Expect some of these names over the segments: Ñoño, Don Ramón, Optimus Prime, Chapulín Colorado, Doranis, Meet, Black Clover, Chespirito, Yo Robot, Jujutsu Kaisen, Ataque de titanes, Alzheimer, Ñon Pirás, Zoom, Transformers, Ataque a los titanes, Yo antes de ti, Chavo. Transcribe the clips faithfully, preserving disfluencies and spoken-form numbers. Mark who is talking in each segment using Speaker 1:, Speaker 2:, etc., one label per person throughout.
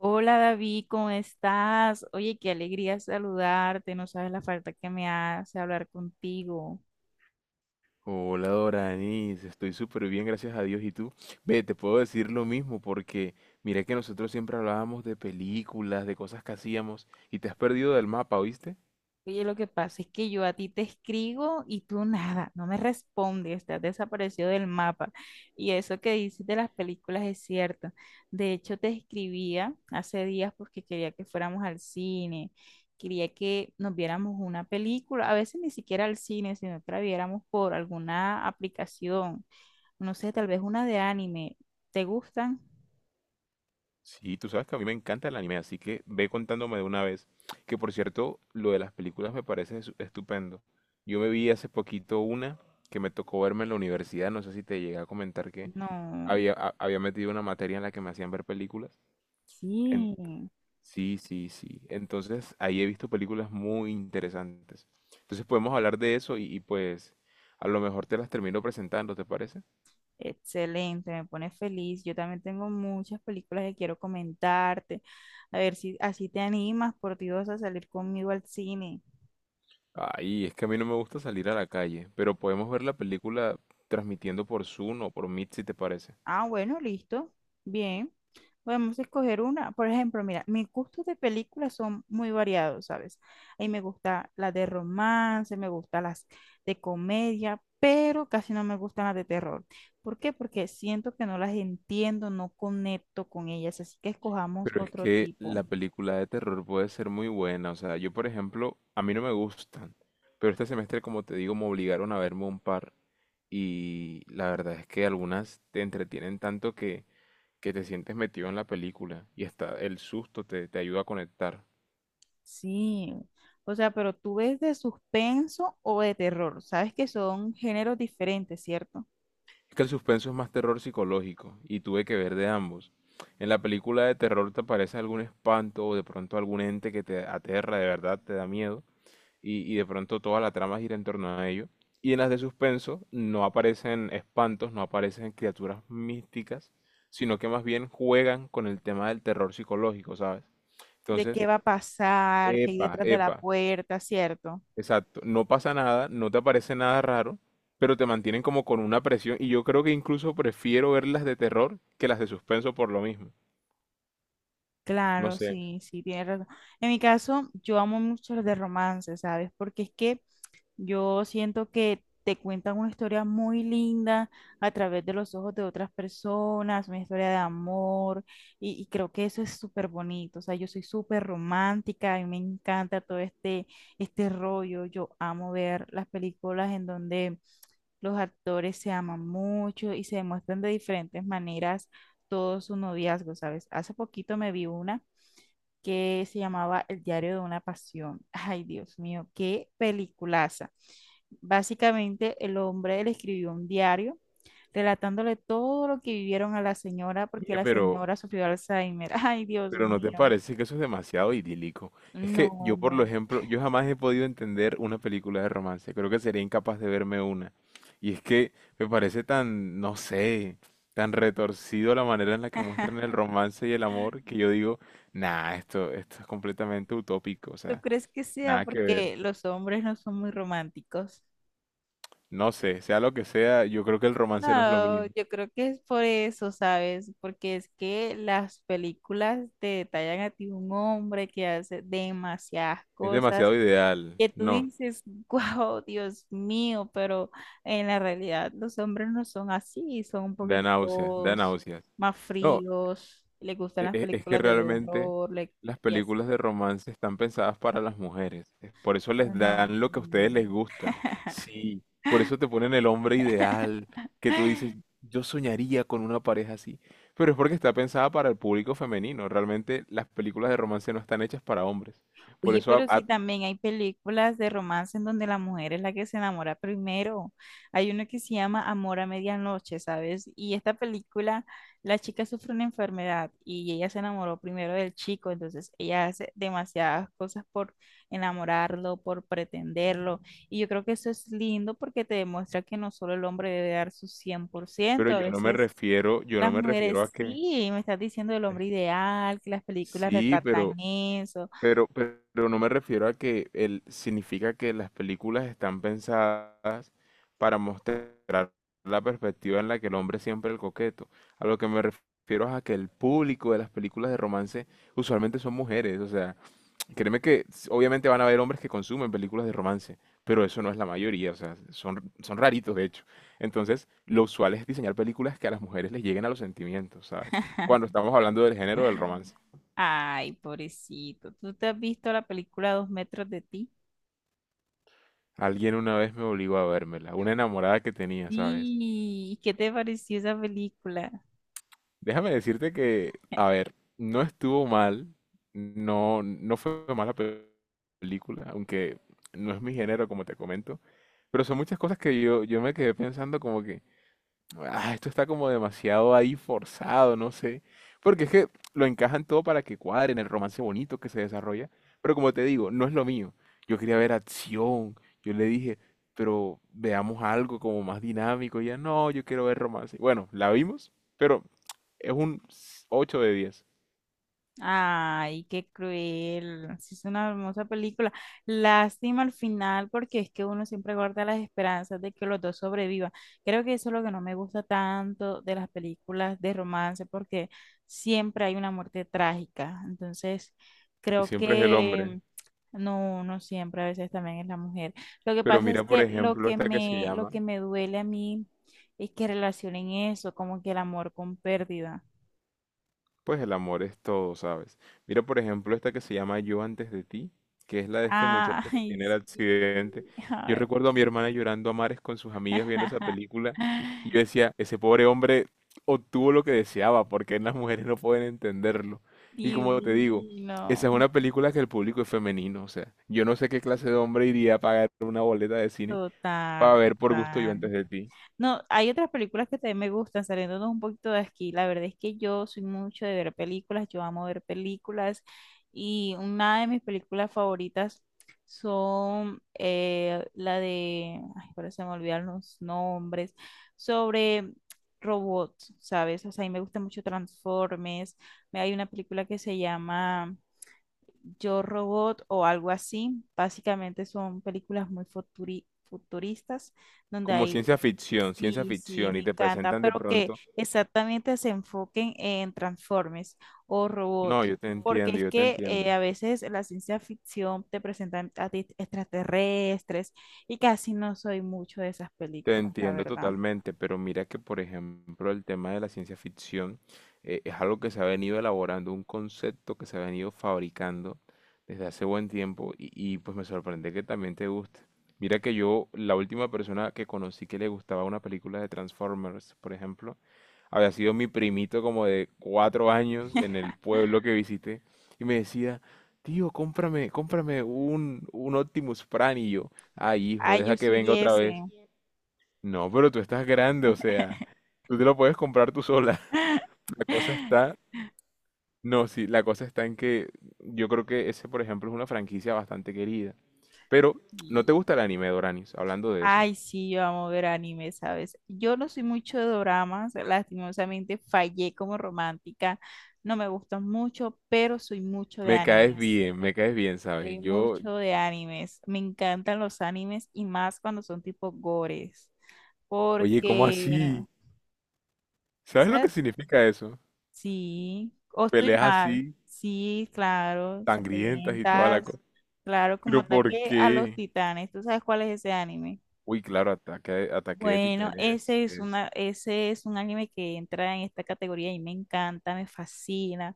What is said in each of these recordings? Speaker 1: Hola David, ¿cómo estás? Oye, qué alegría saludarte, no sabes la falta que me hace hablar contigo.
Speaker 2: Hola Doranis, estoy súper bien, gracias a Dios. ¿Y tú? Ve, te puedo decir lo mismo porque mira que nosotros siempre hablábamos de películas, de cosas que hacíamos y te has perdido del mapa, ¿oíste?
Speaker 1: Oye, lo que pasa es que yo a ti te escribo y tú nada, no me respondes, te has desaparecido del mapa. Y eso que dices de las películas es cierto. De hecho, te escribía hace días porque quería que fuéramos al cine, quería que nos viéramos una película, a veces ni siquiera al cine, sino que la viéramos por alguna aplicación. No sé, tal vez una de anime. ¿Te gustan?
Speaker 2: Sí, tú sabes que a mí me encanta el anime, así que ve contándome de una vez. Que por cierto, lo de las películas me parece es- estupendo. Yo me vi hace poquito una que me tocó verme en la universidad, no sé si te llegué a comentar que
Speaker 1: No.
Speaker 2: había, a- había metido una materia en la que me hacían ver películas.
Speaker 1: Sí.
Speaker 2: Sí, sí, sí. Entonces, ahí he visto películas muy interesantes. Entonces, podemos hablar de eso y, y, pues a lo mejor te las termino presentando, ¿te parece?
Speaker 1: Excelente, me pone feliz. Yo también tengo muchas películas que quiero comentarte. A ver si así te animas, por Dios, a salir conmigo al cine.
Speaker 2: Ay, es que a mí no me gusta salir a la calle, pero podemos ver la película transmitiendo por Zoom o por Meet si te parece.
Speaker 1: Ah, bueno, listo. Bien. Podemos escoger una. Por ejemplo, mira, mis gustos de películas son muy variados, ¿sabes? Ahí me gusta las de romance, me gustan las de comedia, pero casi no me gustan las de terror. ¿Por qué? Porque siento que no las entiendo, no conecto con ellas, así que escojamos
Speaker 2: Pero es
Speaker 1: otro
Speaker 2: que
Speaker 1: tipo.
Speaker 2: la película de terror puede ser muy buena. O sea, yo, por ejemplo, a mí no me gustan, pero este semestre, como te digo, me obligaron a verme un par y la verdad es que algunas te entretienen tanto que que te sientes metido en la película y hasta el susto te, te ayuda a conectar.
Speaker 1: Sí. O sea, pero tú ves de suspenso o de terror. Sabes que son géneros diferentes, ¿cierto?
Speaker 2: Es que el suspenso es más terror psicológico y tuve que ver de ambos. En la película de terror te aparece algún espanto o de pronto algún ente que te aterra, de verdad te da miedo y, y de pronto toda la trama gira en torno a ello. Y en las de suspenso no aparecen espantos, no aparecen criaturas místicas, sino que más bien juegan con el tema del terror psicológico, ¿sabes?
Speaker 1: ¿De
Speaker 2: Entonces,
Speaker 1: qué va a pasar, qué hay
Speaker 2: epa,
Speaker 1: detrás de la
Speaker 2: epa,
Speaker 1: puerta, ¿cierto?
Speaker 2: exacto, no pasa nada, no te aparece nada raro, pero te mantienen como con una presión y yo creo que incluso prefiero ver las de terror que las de suspenso por lo mismo. No
Speaker 1: Claro,
Speaker 2: sé,
Speaker 1: sí, sí, tienes razón. En mi caso, yo amo mucho los de romance, ¿sabes? Porque es que yo siento que te cuentan una historia muy linda a través de los ojos de otras personas, una historia de amor, y, y creo que eso es súper bonito. O sea, yo soy súper romántica, a mí me encanta todo este, este rollo. Yo amo ver las películas en donde los actores se aman mucho y se demuestran de diferentes maneras todo su noviazgo, ¿sabes? Hace poquito me vi una que se llamaba El diario de una pasión. Ay, Dios mío, qué peliculaza. Básicamente, el hombre le escribió un diario relatándole todo lo que vivieron a la señora porque
Speaker 2: oye,
Speaker 1: la
Speaker 2: pero,
Speaker 1: señora sufrió Alzheimer. Ay, Dios
Speaker 2: pero ¿no te
Speaker 1: mío.
Speaker 2: parece que eso es demasiado idílico? Es que yo, por
Speaker 1: No,
Speaker 2: lo ejemplo, yo jamás he podido entender una película de romance, creo que sería incapaz de verme una. Y es que me parece tan, no sé, tan retorcido la manera en la que muestran el romance y el amor que yo digo, nah, esto, esto es completamente utópico, o
Speaker 1: ¿tú
Speaker 2: sea,
Speaker 1: crees que sea
Speaker 2: nada que ver.
Speaker 1: porque los hombres no son muy románticos?
Speaker 2: No sé, sea lo que sea, yo creo que el romance no es lo
Speaker 1: No,
Speaker 2: mío.
Speaker 1: yo creo que es por eso, ¿sabes? Porque es que las películas te detallan a ti un hombre que hace demasiadas
Speaker 2: Es
Speaker 1: cosas
Speaker 2: demasiado ideal.
Speaker 1: que tú
Speaker 2: No,
Speaker 1: dices, wow, Dios mío, pero en la realidad los hombres no son así, son un
Speaker 2: da náuseas, da
Speaker 1: poquiticos
Speaker 2: náuseas.
Speaker 1: más
Speaker 2: No,
Speaker 1: fríos, les gustan
Speaker 2: e-
Speaker 1: las
Speaker 2: e- es que
Speaker 1: películas de
Speaker 2: realmente
Speaker 1: terror le-
Speaker 2: las
Speaker 1: y así.
Speaker 2: películas de romance están pensadas para las mujeres. Es Por eso les
Speaker 1: No. No.
Speaker 2: dan lo que a ustedes les gusta. Sí, por eso te ponen el hombre ideal, que tú dices, yo soñaría con una pareja así. Pero es porque está pensada para el público femenino. Realmente las películas de romance no están hechas para hombres. Por
Speaker 1: Oye,
Speaker 2: eso, a-
Speaker 1: pero sí
Speaker 2: a-
Speaker 1: también hay películas de romance en donde la mujer es la que se enamora primero. Hay una que se llama Amor a Medianoche, ¿sabes? Y esta película, la chica sufre una enfermedad y ella se enamoró primero del chico, entonces ella hace demasiadas cosas por enamorarlo, por pretenderlo. Y yo creo que eso es lindo porque te demuestra que no solo el hombre debe dar su cien por
Speaker 2: pero
Speaker 1: ciento. A
Speaker 2: yo no me
Speaker 1: veces…
Speaker 2: refiero, yo no
Speaker 1: Las
Speaker 2: me refiero a
Speaker 1: mujeres,
Speaker 2: que...
Speaker 1: sí, me estás diciendo el hombre ideal, que las películas
Speaker 2: Sí, pero,
Speaker 1: retratan eso.
Speaker 2: pero, pero no me refiero a que el, significa que las películas están pensadas para mostrar la perspectiva en la que el hombre es siempre el coqueto. A lo que me refiero es a que el público de las películas de romance usualmente son mujeres. O sea, créeme que s- obviamente van a haber hombres que consumen películas de romance, pero eso no es la mayoría. O sea, son, son raritos de hecho. Entonces, lo usual es diseñar películas que a las mujeres les lleguen a los sentimientos, ¿sabes? Cuando estamos hablando del género del romance.
Speaker 1: Ay, pobrecito. ¿Tú te has visto la película Dos metros de ti?
Speaker 2: Alguien una vez me obligó a vérmela, una enamorada que tenía, ¿sabes?
Speaker 1: Sí. ¿Y qué te pareció esa película?
Speaker 2: Déjame decirte que, a ver, no estuvo mal, no, no fue mala pe- película, aunque no es mi género, como te comento, pero son muchas cosas que yo, yo me quedé pensando como que, ah, esto está como demasiado ahí forzado, no sé. Porque es que lo encajan todo para que cuadren el romance bonito que se desarrolla. Pero como te digo, no es lo mío. Yo quería ver acción. Yo le dije, pero veamos algo como más dinámico. Y ella, no, yo quiero ver romance. Bueno, la vimos, pero es un ocho de diez.
Speaker 1: Ay, qué cruel. Sí, es una hermosa película. Lástima al final porque es que uno siempre guarda las esperanzas de que los dos sobrevivan. Creo que eso es lo que no me gusta tanto de las películas de romance porque siempre hay una muerte trágica. Entonces,
Speaker 2: Y
Speaker 1: creo
Speaker 2: siempre es el hombre.
Speaker 1: que no, no siempre, a veces también es la mujer. Lo que
Speaker 2: Pero
Speaker 1: pasa
Speaker 2: mira,
Speaker 1: es
Speaker 2: por
Speaker 1: que lo
Speaker 2: ejemplo,
Speaker 1: que
Speaker 2: esta que se
Speaker 1: me, lo
Speaker 2: llama
Speaker 1: que me duele a mí es que relacionen eso, como que el amor con pérdida.
Speaker 2: pues el amor es todo, ¿sabes? Mira, por ejemplo, esta que se llama Yo antes de ti, que es la de este muchacho que
Speaker 1: Ay,
Speaker 2: tiene el
Speaker 1: sí.
Speaker 2: accidente.
Speaker 1: A
Speaker 2: Yo
Speaker 1: ver.
Speaker 2: recuerdo a mi hermana llorando a mares con sus amigas viendo esa película y yo decía, ese pobre hombre obtuvo lo que deseaba, porque las mujeres no pueden entenderlo. Y como te digo,
Speaker 1: Divino.
Speaker 2: esa es una película que el público es femenino, o sea, yo no sé qué clase de hombre iría a pagar una boleta de cine para
Speaker 1: Total,
Speaker 2: ver por gusto Yo
Speaker 1: total.
Speaker 2: antes de ti.
Speaker 1: No, hay otras películas que también me gustan, saliéndonos un poquito de aquí. La verdad es que yo soy mucho de ver películas, yo amo ver películas, y una de mis películas favoritas son eh, la de, ay, ahora se me olvidaron los nombres, sobre robots, ¿sabes? O sea, a mí me gusta mucho Transformers. Me- Hay una película que se llama Yo Robot o algo así. Básicamente son películas muy futuri- futuristas donde
Speaker 2: Como
Speaker 1: hay…
Speaker 2: ciencia ficción, ciencia
Speaker 1: Sí, sí,
Speaker 2: ficción, y
Speaker 1: me
Speaker 2: te
Speaker 1: encanta,
Speaker 2: presentan de
Speaker 1: pero que
Speaker 2: pronto
Speaker 1: exactamente se enfoquen en Transformers o
Speaker 2: no,
Speaker 1: robots,
Speaker 2: yo te
Speaker 1: porque
Speaker 2: entiendo,
Speaker 1: es
Speaker 2: yo te
Speaker 1: que eh,
Speaker 2: entiendo.
Speaker 1: a veces la ciencia ficción te presenta a ti extraterrestres y casi no soy mucho de esas
Speaker 2: Te
Speaker 1: películas, la
Speaker 2: entiendo
Speaker 1: verdad.
Speaker 2: totalmente, pero mira que, por ejemplo, el tema de la ciencia ficción eh, es algo que se ha venido elaborando, un concepto que se ha venido fabricando desde hace buen tiempo y, y, pues me sorprende que también te guste. Mira que yo, la última persona que conocí que le gustaba una película de Transformers, por ejemplo, había sido mi primito como de cuatro años en el pueblo que visité y me decía, tío, cómprame, cómprame un, un Optimus Prime y yo, ay hijo,
Speaker 1: Ay, yo
Speaker 2: deja que venga
Speaker 1: soy
Speaker 2: otra vez.
Speaker 1: ese.
Speaker 2: No, pero tú estás grande, o sea, tú te lo puedes comprar tú sola. La cosa está, no, sí, la cosa está en que yo creo que ese, por ejemplo, es una franquicia bastante querida. Pero, ¿no
Speaker 1: Y…
Speaker 2: te gusta el anime, Doranis? Hablando de eso.
Speaker 1: Ay, sí, yo amo ver anime, ¿sabes? Yo no soy mucho de dramas, lastimosamente fallé como romántica, no me gustan mucho, pero soy mucho de
Speaker 2: Me caes
Speaker 1: animes.
Speaker 2: bien, me caes bien,
Speaker 1: Soy
Speaker 2: ¿sabes? Yo,
Speaker 1: mucho de animes. Me encantan los animes y más cuando son tipo gores.
Speaker 2: oye, ¿cómo
Speaker 1: Porque,
Speaker 2: así? ¿Sabes lo que
Speaker 1: ¿sabes?
Speaker 2: significa eso?
Speaker 1: Sí, o estoy
Speaker 2: Peleas
Speaker 1: mal.
Speaker 2: así,
Speaker 1: Sí, claro,
Speaker 2: sangrientas y toda la
Speaker 1: sangrientas.
Speaker 2: cosa.
Speaker 1: Claro, como
Speaker 2: Pero ¿por
Speaker 1: ataque a los
Speaker 2: qué?
Speaker 1: titanes. ¿Tú sabes cuál es ese anime?
Speaker 2: Uy, claro, ataque, ataque de
Speaker 1: Bueno,
Speaker 2: titanes
Speaker 1: ese es
Speaker 2: es...
Speaker 1: una, ese es un anime que entra en esta categoría y me encanta, me fascina.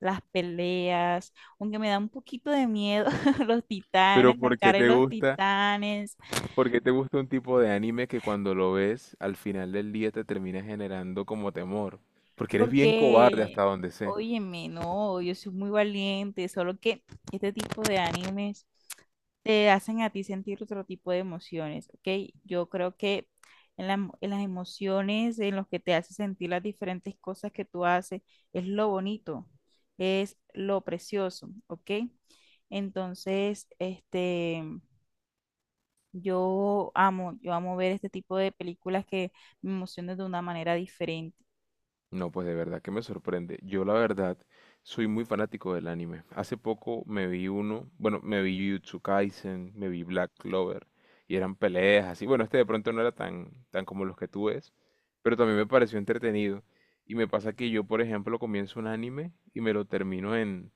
Speaker 1: Las peleas, aunque me da un poquito de miedo los
Speaker 2: Pero
Speaker 1: titanes, las
Speaker 2: ¿por qué
Speaker 1: caras de
Speaker 2: te
Speaker 1: los
Speaker 2: gusta?
Speaker 1: titanes.
Speaker 2: Porque te gusta un tipo de anime que cuando lo ves al final del día te termina generando como temor. Porque eres bien cobarde
Speaker 1: Porque,
Speaker 2: hasta donde sé.
Speaker 1: óyeme, no, yo soy muy valiente, solo que este tipo de animes te hacen a ti sentir otro tipo de emociones, ¿ok? Yo creo que en, la- en las emociones, en los que te hace sentir las diferentes cosas que tú haces, es lo bonito, es lo precioso, ¿ok? Entonces, este, yo amo, yo amo ver este tipo de películas que me emocionan de una manera diferente.
Speaker 2: No, pues de verdad que me sorprende. Yo la verdad soy muy fanático del anime. Hace poco me vi uno, bueno, me vi Jujutsu Kaisen, me vi Black Clover y eran peleas así. Bueno, este de pronto no era tan tan como los que tú ves, pero también me pareció entretenido. Y me pasa que yo, por ejemplo, comienzo un anime y me lo termino en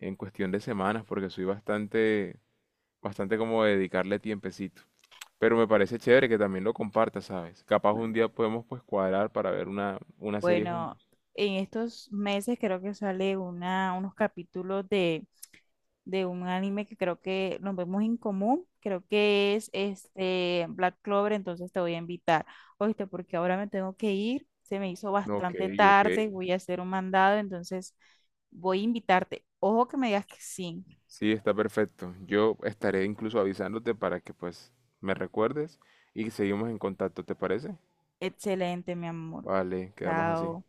Speaker 2: en cuestión de semanas porque soy bastante bastante como dedicarle tiempecito. Pero me parece chévere que también lo compartas, ¿sabes? Capaz un día podemos pues cuadrar para ver una, una serie
Speaker 1: Bueno,
Speaker 2: juntos.
Speaker 1: en estos meses creo que sale una, unos capítulos de, de un anime que creo que nos vemos en común. Creo que es este Black Clover, entonces te voy a invitar. Oíste, porque ahora me tengo que ir. Se me hizo
Speaker 2: No, ok,
Speaker 1: bastante
Speaker 2: ok.
Speaker 1: tarde, voy a hacer un mandado, entonces voy a invitarte. Ojo que me digas que sí.
Speaker 2: Sí, está perfecto. Yo estaré incluso avisándote para que pues me recuerdes y seguimos en contacto, ¿te parece?
Speaker 1: Excelente, mi amor.
Speaker 2: Vale, quedamos así.
Speaker 1: Chao.